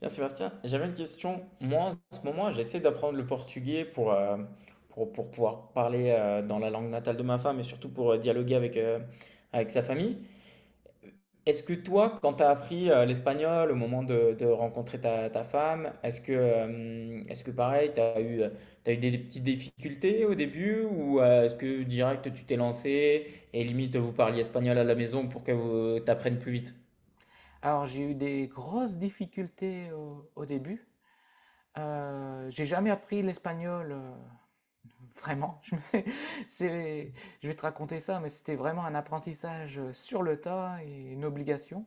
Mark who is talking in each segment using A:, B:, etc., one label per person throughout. A: Tiens, Sébastien, j'avais une question. Moi, en ce moment, j'essaie d'apprendre le portugais pour pouvoir parler dans la langue natale de ma femme, et surtout pour dialoguer avec sa famille. Est-ce que toi, quand tu as appris l'espagnol au moment de rencontrer ta femme, est-ce que pareil, t'as eu des petites difficultés au début, ou est-ce que direct tu t'es lancé et limite vous parliez espagnol à la maison pour que vous t'apprennes plus vite?
B: Alors, j'ai eu des grosses difficultés au début. J'ai jamais appris l'espagnol, vraiment. C'est- je vais te raconter ça, mais c'était vraiment un apprentissage sur le tas et une obligation.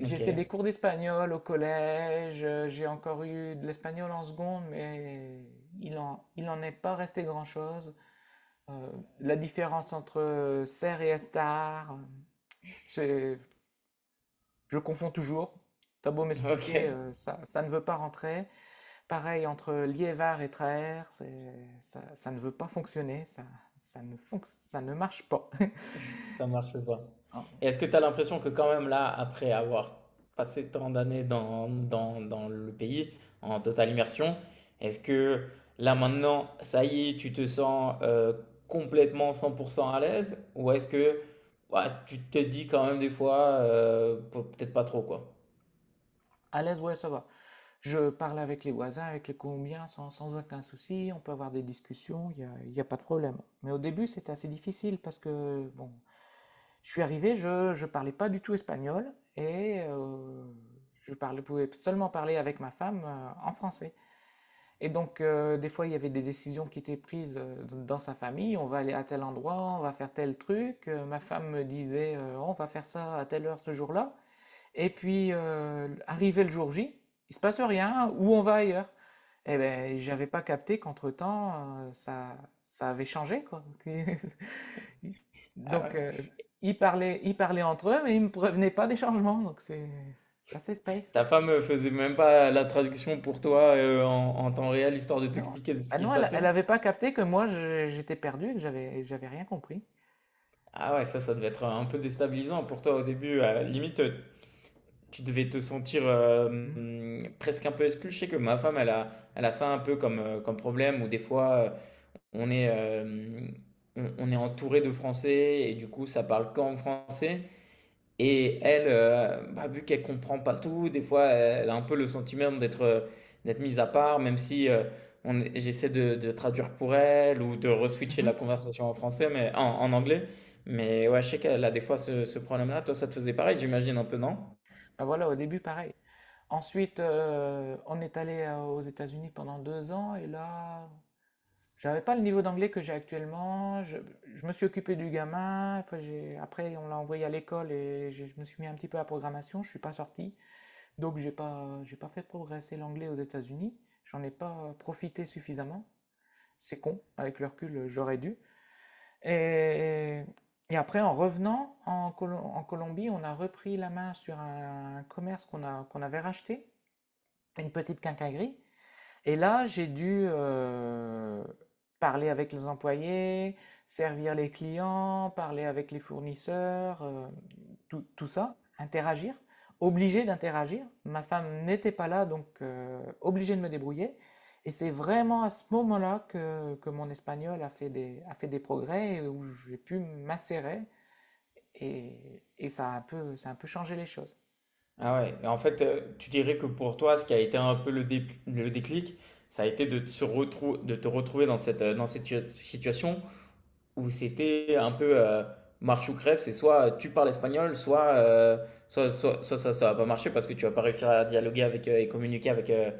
B: J'ai
A: Ok.
B: fait des cours d'espagnol au collège, j'ai encore eu de l'espagnol en seconde, mais il en est pas resté grand-chose. Euh, la différence entre ser et estar, c'est Je confonds toujours. T'as beau
A: Ok.
B: m'expliquer, ça, ça ne veut pas rentrer. Pareil, entre Liévard et Traer, ça, ça ne veut pas fonctionner. Ça ne fonc- ça ne marche pas.
A: Ça marche pas.
B: Hein,
A: Et est-ce que tu as l'impression que quand même là, après avoir passé tant d'années dans le pays, en totale immersion, est-ce que là maintenant, ça y est, tu te sens complètement 100% à l'aise? Ou est-ce que, ouais, tu te dis quand même des fois, peut-être pas trop, quoi?
B: à l'aise, ouais, ça va. Je parle avec les voisins, avec les Colombiens, sans aucun souci. On peut avoir des discussions, il y a pas de problème. Mais au début, c'était assez difficile parce que, bon, je suis arrivé, je ne parlais pas du tout espagnol et je parlais, pouvais seulement parler avec ma femme en français. Et donc, des fois, il y avait des décisions qui étaient prises dans sa famille. On va aller à tel endroit, on va faire tel truc. Ma femme me disait, on va faire ça à telle heure ce jour-là. Et puis, arrivé le jour J, il se passe rien, ou on va ailleurs. Eh ben, j'avais pas capté qu'entre-temps, ça, ça avait changé, quoi.
A: Ah
B: Donc,
A: ouais.
B: ils parlaient entre eux, mais ils me prévenaient pas des changements. Donc, c'est assez space.
A: Ta femme faisait même pas la traduction pour toi en temps réel, histoire de
B: Non,
A: t'expliquer ce
B: bah
A: qui se
B: non, elle
A: passait?
B: elle avait pas capté que j'étais perdu, et que j'avais rien compris.
A: Ah ouais, ça devait être un peu déstabilisant pour toi au début. Limite, tu devais te sentir
B: Mhm.
A: presque un peu exclu. Je sais que ma femme, elle a ça un peu comme, comme problème, où des fois, on est, on est entouré de Français, et du coup, ça parle qu'en français. Et elle, bah, vu qu'elle comprend pas tout, des fois, elle a un peu le sentiment d'être d'être mise à part, même si j'essaie de traduire pour elle, ou de reswitcher
B: Mhm.
A: la conversation en français, mais en anglais. Mais ouais, je sais qu'elle a des fois ce problème-là. Toi, ça te faisait pareil, j'imagine, un peu, non?
B: Bah voilà, au début pareil. Ensuite, on est allé aux États-Unis pendant 2 ans et là, j'avais pas le niveau d'anglais que j'ai actuellement. Je me suis occupé du gamin. Après, après, on l'a envoyé à l'école et je me suis mis un petit peu à la programmation. Je suis pas sorti, donc j'ai pas fait progresser l'anglais aux États-Unis. J'en ai pas profité suffisamment. C'est con. Avec le recul, j'aurais dû. Et, et après, en Colombie, on a repris la main sur un, commerce qu'on avait racheté, une petite quincaillerie. Et là, j'ai dû parler avec les employés, servir les clients, parler avec les fournisseurs, tout, tout ça, interagir, obligé d'interagir. Ma femme n'était pas là, donc obligé de me débrouiller. Et c'est vraiment à ce moment-là que mon espagnol a fait a fait des progrès et où j'ai pu m'insérer. Et ça a un peu, ça a un peu changé les choses.
A: Ah ouais, et en fait, tu dirais que pour toi, ce qui a été un peu le déclic, ça a été de te retrouver dans cette tua situation où c'était un peu, marche ou crève. C'est soit tu parles espagnol, soit ça ça va pas marcher parce que tu vas pas réussir à dialoguer et communiquer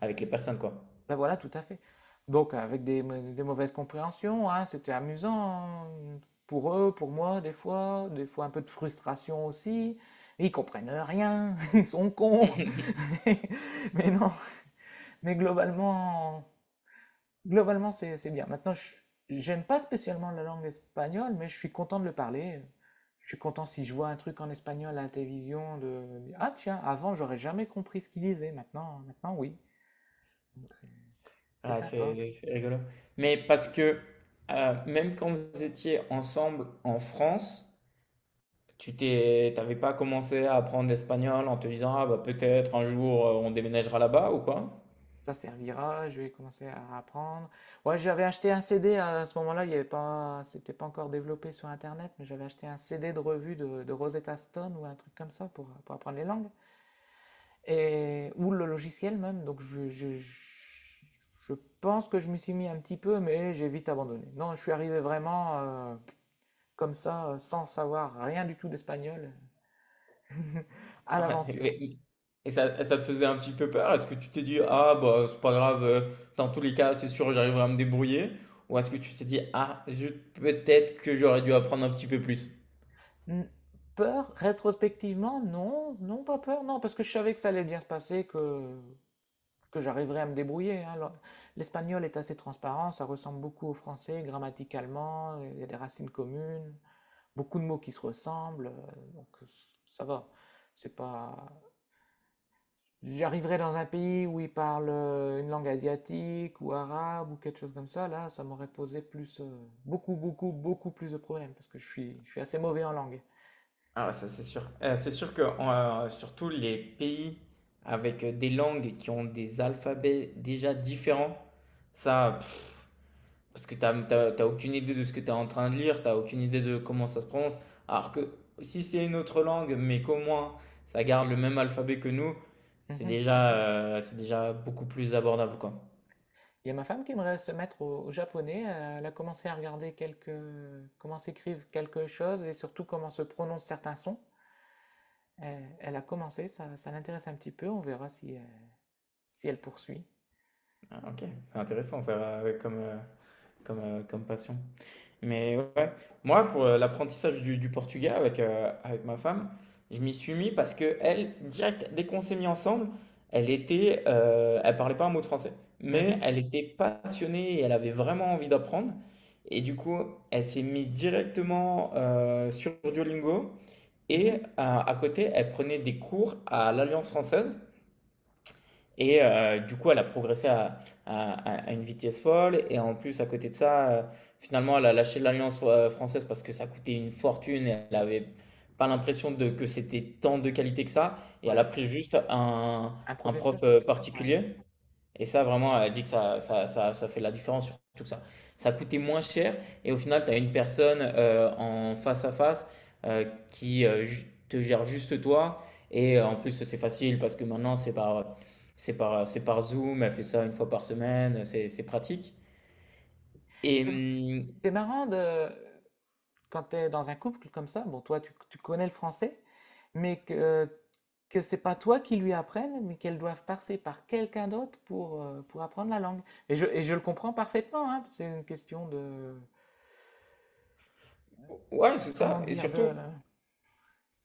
A: avec les personnes, quoi.
B: Ben voilà, tout à fait. Donc avec des mauvaises compréhensions, hein, c'était amusant mmh, pour eux, pour moi, des fois un peu de frustration aussi. Ils comprennent rien, ils sont cons. Mais non, mais globalement, c'est bien. Maintenant, j'aime pas spécialement la langue espagnole, mais je suis content de le parler. Je suis content si je vois un truc en espagnol à la télévision de, ah tiens, avant j'aurais jamais compris ce qu'ils disaient, maintenant, maintenant oui. Donc c'est
A: Ah,
B: sympa.
A: c'est rigolo. Mais parce que, même quand vous étiez ensemble en France, t'avais pas commencé à apprendre l'espagnol en te disant, ah bah peut-être un jour on déménagera là-bas ou quoi?
B: Ça servira, je vais commencer à apprendre. Ouais, j'avais acheté un CD à ce moment-là, il y avait pas, c'était pas encore développé sur Internet, mais j'avais acheté un CD de revue de Rosetta Stone ou un truc comme ça pour apprendre les langues, et, ou le logiciel même. Donc je pense que je me suis mis un petit peu, mais j'ai vite abandonné. Non, je suis arrivé vraiment comme ça, sans savoir rien du tout d'espagnol, à
A: Ah ouais,
B: l'aventure.
A: et ça te faisait un petit peu peur? Est-ce que tu t'es dit, ah bah c'est pas grave, dans tous les cas c'est sûr j'arriverai à me débrouiller? Ou est-ce que tu t'es dit, ah zut, peut-être que j'aurais dû apprendre un petit peu plus?
B: Mmh, peur? Rétrospectivement, non, non, pas peur, non, parce que je savais que ça allait bien se passer, que j'arriverais à me débrouiller, hein. L'espagnol est assez transparent, ça ressemble beaucoup au français, grammaticalement, il y a des racines communes, beaucoup de mots qui se ressemblent, donc ça va. C'est pas... J'arriverais dans un pays où ils parlent une langue asiatique ou arabe ou quelque chose comme ça, là, ça m'aurait posé plus, beaucoup, beaucoup, beaucoup plus de problèmes, parce que je suis assez mauvais en langue.
A: Ah ça c'est sûr. C'est sûr que surtout les pays avec des langues qui ont des alphabets déjà différents, ça, parce que t'as aucune idée de ce que tu es en train de lire, t'as aucune idée de comment ça se prononce. Alors que si c'est une autre langue, mais qu'au moins ça garde le même alphabet que nous,
B: Mhm.
A: c'est déjà beaucoup plus abordable, quoi.
B: Il y a ma femme qui aimerait se mettre au japonais. Elle a commencé à regarder quelques, comment s'écrivent quelque chose et surtout comment se prononcent certains sons. Elle a commencé, ça l'intéresse un petit peu. On verra si, si elle poursuit.
A: Ah, ok, c'est intéressant ça, comme passion. Mais ouais, moi pour l'apprentissage du portugais avec, avec ma femme, je m'y suis mis parce que elle, direct, dès qu'on s'est mis ensemble, elle parlait pas un mot de français, mais
B: Mhm,
A: elle était passionnée et elle avait vraiment envie d'apprendre. Et du coup, elle s'est mise directement sur Duolingo, et
B: mhm.
A: à côté, elle prenait des cours à l'Alliance française. Et du coup, elle a progressé une vitesse folle. Et en plus, à côté de ça, finalement, elle a lâché l'Alliance française parce que ça coûtait une fortune. Et elle avait pas l'impression que c'était tant de qualité que ça. Et elle
B: Ouais,
A: a pris
B: un
A: un prof
B: professeur. Ouais.
A: particulier. Et ça, vraiment, elle dit que ça fait la différence sur tout ça. Ça coûtait moins cher, et au final, tu as une personne en face à face te gère juste toi. Et en plus, c'est facile parce que maintenant, c'est par Zoom. Elle fait ça une fois par semaine. C'est pratique. Et
B: C'est,
A: hum,
B: c'est marrant de, quand tu es dans un couple comme ça, bon, toi, tu connais le français, mais que c'est pas toi qui lui apprenne, mais qu'elles doivent passer par quelqu'un d'autre pour apprendre la langue. Et je le comprends parfaitement, hein, c'est une question de,
A: ouais, c'est
B: comment
A: ça. Et
B: dire,
A: surtout,
B: de...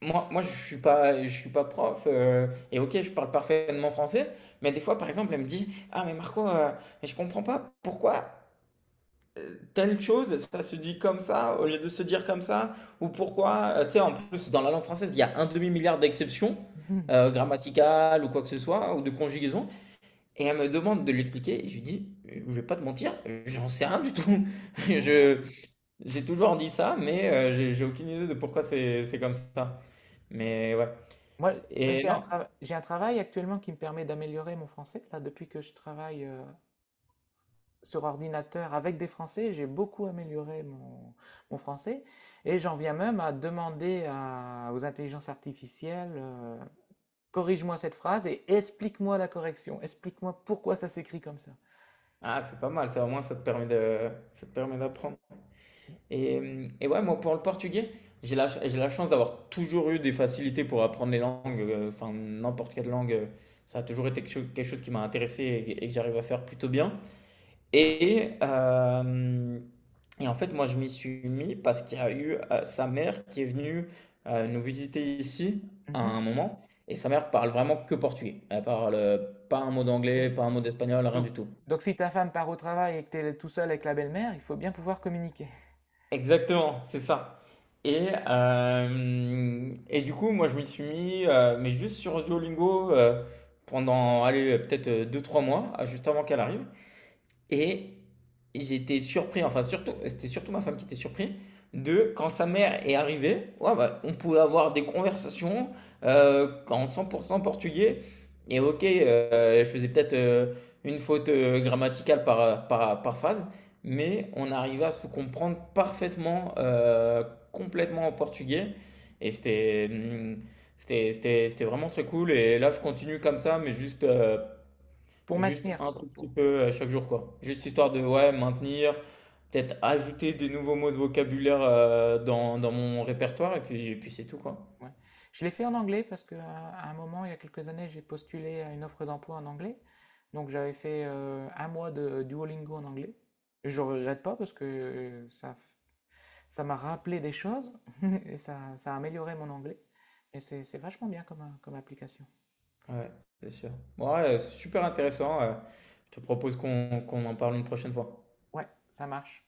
A: moi, moi je suis pas prof. Et ok, je parle parfaitement français. Mais des fois, par exemple, elle me dit, ah, mais Marco, mais je comprends pas pourquoi telle chose, ça se dit comme ça, au lieu de se dire comme ça. Ou pourquoi, tu sais, en plus, dans la langue française, il y a un demi-milliard d'exceptions grammaticales ou quoi que ce soit, ou de conjugaison, et elle me demande de l'expliquer, et je lui dis, je vais pas te mentir, j'en sais rien du tout.
B: Voilà.
A: Je, j'ai toujours dit ça, mais j'ai aucune idée de pourquoi c'est comme ça. Mais ouais.
B: Moi, moi,
A: Et non,
B: j'ai un travail actuellement qui me permet d'améliorer mon français. Là, depuis que je travaille sur ordinateur avec des Français, j'ai beaucoup amélioré mon, mon français. Et j'en viens même à demander aux intelligences artificielles corrige-moi cette phrase et explique-moi la correction. Explique-moi pourquoi ça s'écrit comme ça.
A: ah, c'est pas mal, ça au moins ça te permet ça te permet d'apprendre. Et, et ouais, moi, pour le portugais, j'ai la chance d'avoir toujours eu des facilités pour apprendre les langues, enfin, n'importe quelle langue. Ça a toujours été quelque chose qui m'a intéressé, et que j'arrive à faire plutôt bien. Et, euh, et en fait, moi, je m'y suis mis parce qu'il y a eu sa mère qui est venue nous visiter ici à
B: Mhm,
A: un moment. Et sa mère parle vraiment que portugais. Elle parle pas un mot
B: oui.
A: d'anglais, pas un mot d'espagnol, rien
B: Donc,
A: du tout.
B: donc si ta femme part au travail et que tu es tout seul avec la belle-mère, il faut bien pouvoir communiquer
A: Exactement, c'est ça. Et du coup, moi, je m'y suis mis, mais juste sur Duolingo pendant, allez, peut-être deux trois mois, ah, juste avant qu'elle arrive. Et j'étais surpris, enfin surtout, c'était surtout ma femme qui était surprise de quand sa mère est arrivée, ouais, bah, on pouvait avoir des conversations en 100% portugais. Et ok, je faisais peut-être une faute grammaticale par phrase, mais on arrivait à se comprendre parfaitement, complètement en portugais. Et c'était, hum, C'était vraiment très cool. Et là, je continue comme ça, mais
B: pour
A: juste
B: maintenir,
A: un
B: quoi,
A: tout petit
B: pour-
A: peu chaque jour, quoi. Juste
B: Ouais,
A: histoire de, ouais, maintenir, peut-être ajouter des nouveaux mots de vocabulaire dans mon répertoire, et puis c'est tout, quoi.
B: ouais. Je l'ai fait en anglais parce que, à un moment, il y a quelques années, j'ai postulé à une offre d'emploi en anglais. Donc j'avais fait 1 mois de Duolingo en anglais. Et je ne regrette pas parce que ça, ça m'a rappelé des choses et ça a amélioré mon anglais. Et c'est vachement bien comme, comme application.
A: Ouais, c'est sûr. Bon, ouais, super intéressant. Je te propose qu'on en parle une prochaine fois.
B: Ouais, ça marche.